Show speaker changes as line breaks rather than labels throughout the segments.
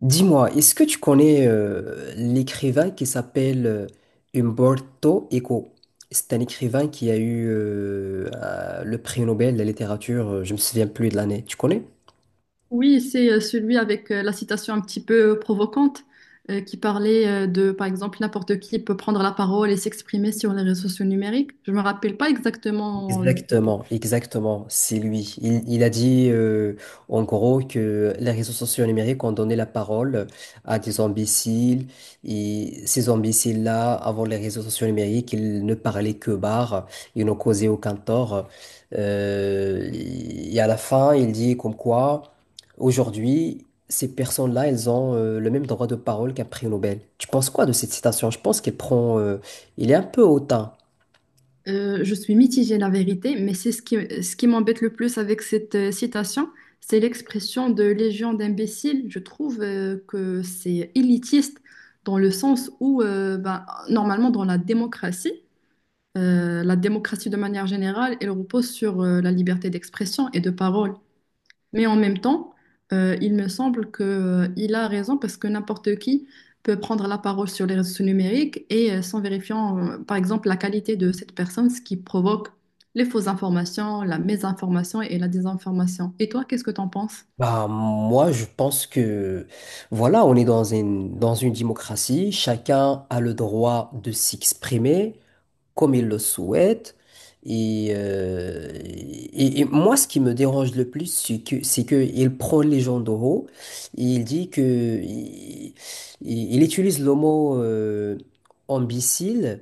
Dis-moi, est-ce que tu connais l'écrivain qui s'appelle Umberto Eco? C'est un écrivain qui a eu le prix Nobel de la littérature, je me souviens plus de l'année. Tu connais?
Oui, c'est celui avec la citation un petit peu provocante, qui parlait de, par exemple, n'importe qui peut prendre la parole et s'exprimer sur les réseaux sociaux numériques. Je me rappelle pas exactement,
Exactement, exactement, c'est lui. Il a dit en gros que les réseaux sociaux numériques ont donné la parole à des imbéciles, et ces imbéciles-là, avant les réseaux sociaux numériques, ils ne parlaient que barre, ils n'ont causé aucun tort. Euh, et à la fin, il dit comme quoi aujourd'hui, ces personnes-là, elles ont le même droit de parole qu'un prix Nobel. Tu penses quoi de cette citation? Je pense qu'elle prend, il est un peu hautain.
je suis mitigée la vérité, mais c'est ce qui m'embête le plus avec cette citation, c'est l'expression de légion d'imbéciles. Je trouve que c'est élitiste dans le sens où, ben, normalement, dans la démocratie de manière générale, elle repose sur la liberté d'expression et de parole. Mais en même temps, il me semble que, il a raison parce que n'importe qui peut prendre la parole sur les réseaux numériques et sans vérifiant, par exemple, la qualité de cette personne, ce qui provoque les fausses informations, la mésinformation et la désinformation. Et toi, qu'est-ce que t'en penses?
Bah, moi, je pense que, voilà, on est dans dans une démocratie. Chacun a le droit de s'exprimer comme il le souhaite. Et moi, ce qui me dérange le plus, c'est que il prend les gens de haut. Et il dit que, il, il utilise le mot, imbécile,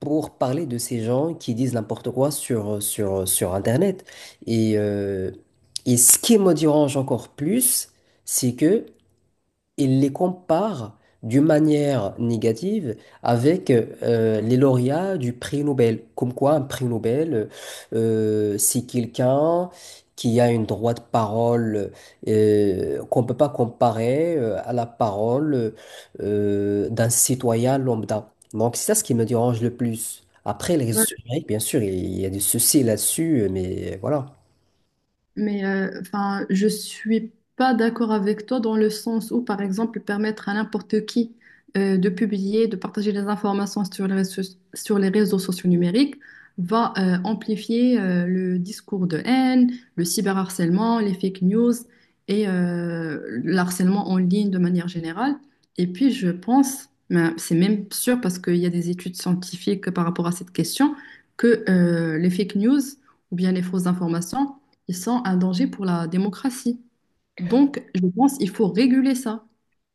pour parler de ces gens qui disent n'importe quoi sur, sur Internet. Et, euh, et ce qui me dérange encore plus, c'est que il les compare d'une manière négative avec les lauréats du prix Nobel. Comme quoi, un prix Nobel, c'est quelqu'un qui a une droite de parole qu'on ne peut pas comparer à la parole d'un citoyen lambda. Donc, c'est ça ce qui me dérange le plus. Après, les réseaux sociaux, bien sûr, il y a des soucis là-dessus, mais voilà.
Mais enfin, je suis pas d'accord avec toi dans le sens où, par exemple, permettre à n'importe qui de publier, de partager des informations sur les réseaux sociaux numériques va amplifier le discours de haine, le cyberharcèlement, les fake news et l'harcèlement en ligne de manière générale. Et puis, je pense, ben, c'est même sûr parce qu'il y a des études scientifiques par rapport à cette question, que les fake news ou bien les fausses informations ils sont un danger pour la démocratie. Donc, je pense qu'il faut réguler ça.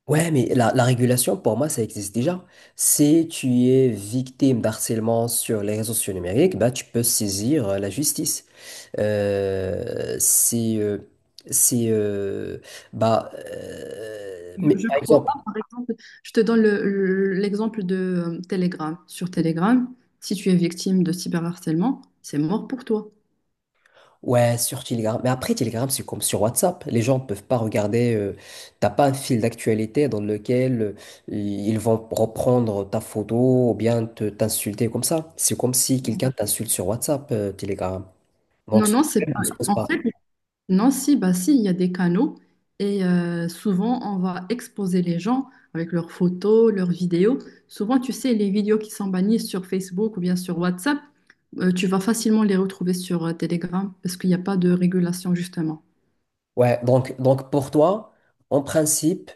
Ouais, mais la régulation, pour moi, ça existe déjà. Si tu es victime d'harcèlement sur les réseaux sociaux numériques, bah, tu peux saisir la justice. Euh, c'est... euh, c'est... euh, mais
Je ne
par
crois
exemple,
pas, par exemple, je te donne l'exemple de Telegram. Sur Telegram, si tu es victime de cyberharcèlement, c'est mort pour toi.
ouais, sur Telegram. Mais après, Telegram, c'est comme sur WhatsApp. Les gens ne peuvent pas regarder... t'as pas un fil d'actualité dans lequel ils vont reprendre ta photo ou bien te t'insulter comme ça. C'est comme si quelqu'un t'insulte sur WhatsApp, Telegram. Donc,
Non,
ce
non, c'est
problème ne
pas.
se pose
En
pas.
fait, non, si, bah si, il y a des canaux et souvent on va exposer les gens avec leurs photos, leurs vidéos. Souvent, tu sais, les vidéos qui sont bannies sur Facebook ou bien sur WhatsApp, tu vas facilement les retrouver sur Telegram parce qu'il n'y a pas de régulation justement.
Ouais, donc pour toi, en principe,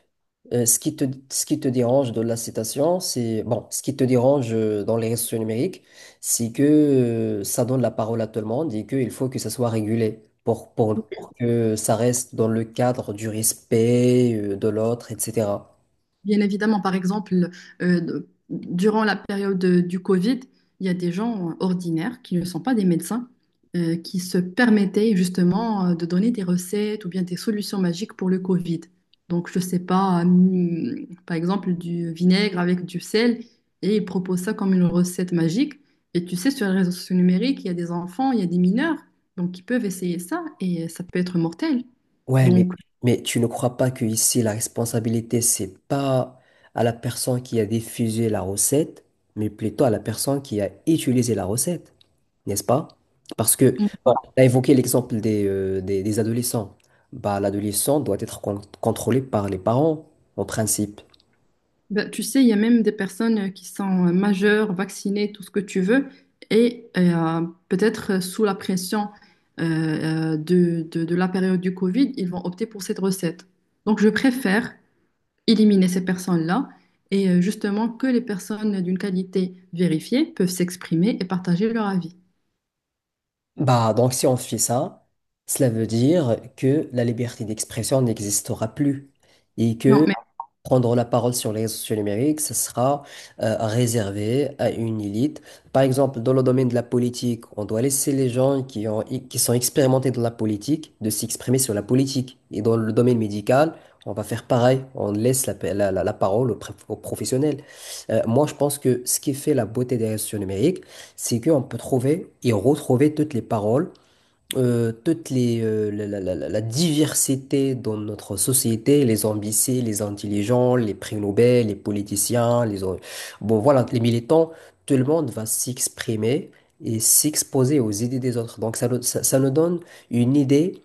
euh, ce qui te, ce qui te dérange de la citation, c'est, bon, ce qui te dérange dans les réseaux sociaux numériques, c'est que ça donne la parole à tout le monde et qu'il faut que ça soit régulé pour, pour que ça reste dans le cadre du respect de l'autre, etc.
Bien évidemment, par exemple, euh, durant la période du Covid, il y a des gens ordinaires qui ne sont pas des médecins, qui se permettaient justement de donner des recettes ou bien des solutions magiques pour le Covid. Donc, je ne sais pas, par exemple, du vinaigre avec du sel, et ils proposent ça comme une recette magique. Et tu sais, sur les réseaux sociaux numériques, il y a des enfants, il y a des mineurs, donc ils peuvent essayer ça, et ça peut être mortel.
Ouais,
Donc,
mais tu ne crois pas que ici la responsabilité, c'est pas à la personne qui a diffusé la recette, mais plutôt à la personne qui a utilisé la recette, n'est-ce pas? Parce que, bon, tu as évoqué l'exemple des, des adolescents. Bah, l'adolescent doit être contrôlé par les parents, en principe.
ben, tu sais, il y a même des personnes qui sont majeures, vaccinées, tout ce que tu veux, et peut-être sous la pression de, de la période du Covid, ils vont opter pour cette recette. Donc, je préfère éliminer ces personnes-là et justement que les personnes d'une qualité vérifiée peuvent s'exprimer et partager leur avis.
Bah, donc si on fait ça, cela veut dire que la liberté d'expression n'existera plus et
Non,
que
mais
prendre la parole sur les réseaux sociaux numériques, ce sera réservé à une élite. Par exemple, dans le domaine de la politique, on doit laisser les gens qui ont, qui sont expérimentés dans la politique de s'exprimer sur la politique. Et dans le domaine médical, on va faire pareil. On laisse la, pa- la- la- la parole aux professionnels. Moi, je pense que ce qui fait la beauté des réseaux sociaux numériques, c'est qu'on peut trouver et retrouver toutes les paroles, toutes les, la, la- la- la- la diversité dans notre société, les ambitieux, les intelligents, les prix Nobel, les politiciens, bon, voilà, les militants, tout le monde va s'exprimer et s'exposer aux idées des autres. Donc ça, ça nous donne une idée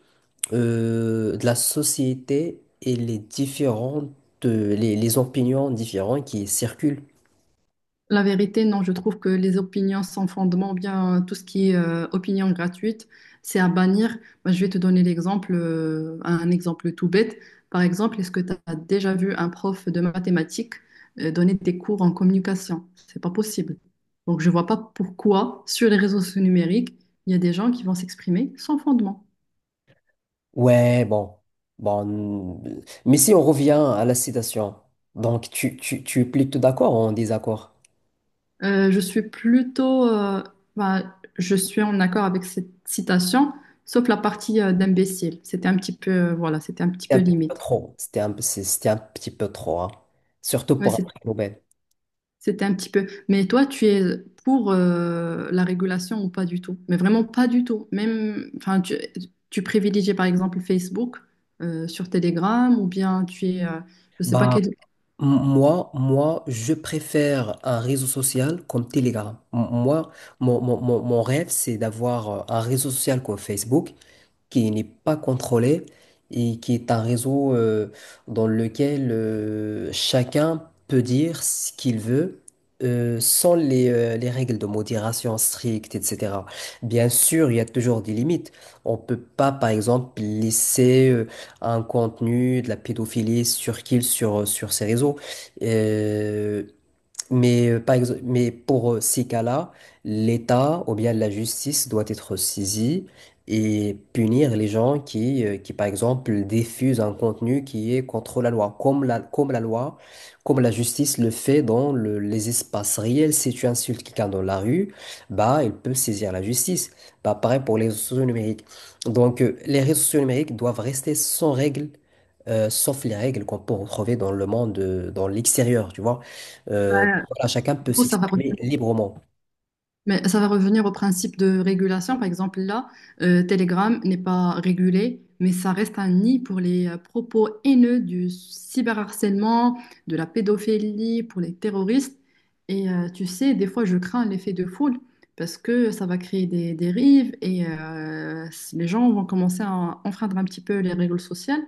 de la société et les différentes, les opinions différentes qui circulent.
la vérité, non, je trouve que les opinions sans fondement, bien tout ce qui est opinion gratuite, c'est à bannir. Moi, je vais te donner l'exemple, un exemple tout bête. Par exemple, est-ce que tu as déjà vu un prof de mathématiques donner des cours en communication? C'est pas possible. Donc, je vois pas pourquoi sur les réseaux sociaux numériques, il y a des gens qui vont s'exprimer sans fondement.
Ouais, bon, bon. Mais si on revient à la citation, donc tu es plutôt d'accord ou en désaccord?
Je suis plutôt, bah, je suis en accord avec cette citation, sauf la partie d'imbécile. C'était un petit peu, voilà, c'était un petit
C'était
peu
un petit peu
limite.
trop. C'était un petit peu trop, hein. Surtout
Ouais,
pour un prix Nobel.
c'était un petit peu. Mais toi, tu es pour la régulation ou pas du tout? Mais vraiment pas du tout. Même, enfin, tu privilégies par exemple Facebook sur Telegram ou bien tu es, je sais pas
Bah,
quel.
moi, je préfère un réseau social comme Telegram. Moi, mon rêve, c'est d'avoir un réseau social comme Facebook qui n'est pas contrôlé et qui est un réseau dans lequel chacun peut dire ce qu'il veut, sans les, les règles de modération strictes, etc. Bien sûr, il y a toujours des limites. On peut pas, par exemple, laisser un contenu de la pédophilie sur sur ces réseaux. Euh, Par exemple, mais pour ces cas-là, l'État ou bien la justice doit être saisie et punir les gens qui, par exemple, diffusent un contenu qui est contre la loi, comme la loi, comme la justice le fait dans les espaces réels. Si tu insultes quelqu'un dans la rue, bah, il peut saisir la justice. Bah, pareil pour les réseaux sociaux numériques. Donc, les réseaux sociaux numériques doivent rester sans règles, sauf les règles qu'on peut retrouver dans le monde, dans l'extérieur, tu vois.
Ouais,
Euh, voilà, chacun peut
du coup, ça va.
s'exprimer librement.
Mais ça va revenir au principe de régulation. Par exemple, là, Telegram n'est pas régulé, mais ça reste un nid pour les propos haineux du cyberharcèlement, de la pédophilie, pour les terroristes. Et tu sais, des fois, je crains l'effet de foule parce que ça va créer des dérives et les gens vont commencer à enfreindre un petit peu les règles sociales.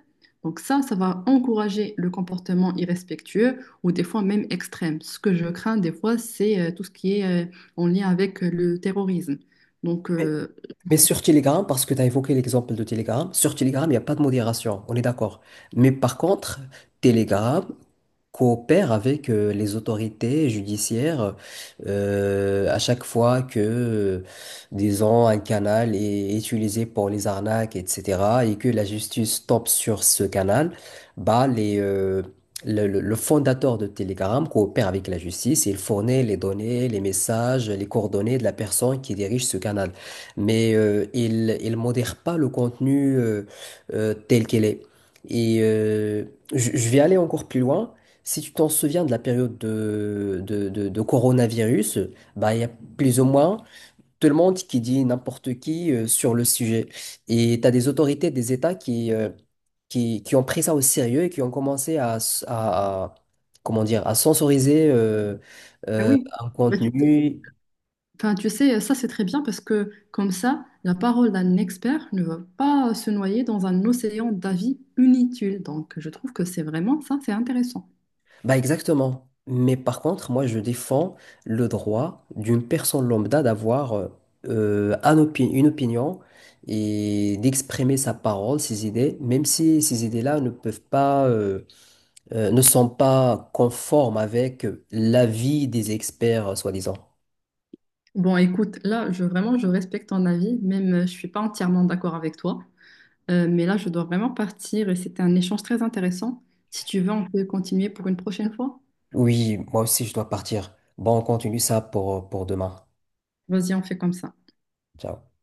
Donc ça va encourager le comportement irrespectueux ou des fois même extrême. Ce que je crains des fois, c'est tout ce qui est... en lien avec le terrorisme. Donc, euh,
Mais sur Telegram, parce que tu as évoqué l'exemple de Telegram, sur Telegram, il n'y a pas de modération, on est d'accord. Mais par contre, Telegram coopère avec les autorités judiciaires à chaque fois que, disons, un canal est utilisé pour les arnaques, etc., et que la justice tombe sur ce canal, bah, le fondateur de Telegram coopère avec la justice et il fournit les données, les messages, les coordonnées de la personne qui dirige ce canal, mais il modère pas le contenu tel qu'il est. Et euh, je vais aller encore plus loin. Si tu t'en souviens de la période de coronavirus, bah, il y a plus ou moins tout le monde qui dit n'importe qui sur le sujet. Et tu as des autorités, des États qui ont pris ça au sérieux et qui ont commencé à, comment dire, à censoriser
Ah oui.
un
Bah, tu,
contenu.
enfin, tu sais, ça c'est très bien parce que comme ça, la parole d'un expert ne va pas se noyer dans un océan d'avis inutiles. Donc, je trouve que c'est vraiment ça, c'est intéressant.
Bah exactement. Mais par contre, moi, je défends le droit d'une personne lambda d'avoir une opinion et d'exprimer sa parole, ses idées, même si ces idées-là ne peuvent pas, ne sont pas conformes avec l'avis des experts, soi-disant.
Bon, écoute, là, je, vraiment, je respecte ton avis, même je suis pas entièrement d'accord avec toi. Mais là, je dois vraiment partir et c'était un échange très intéressant. Si tu veux, on peut continuer pour une prochaine fois.
Oui, moi aussi, je dois partir. Bon, on continue ça pour demain.
Vas-y, on fait comme ça.
Ciao.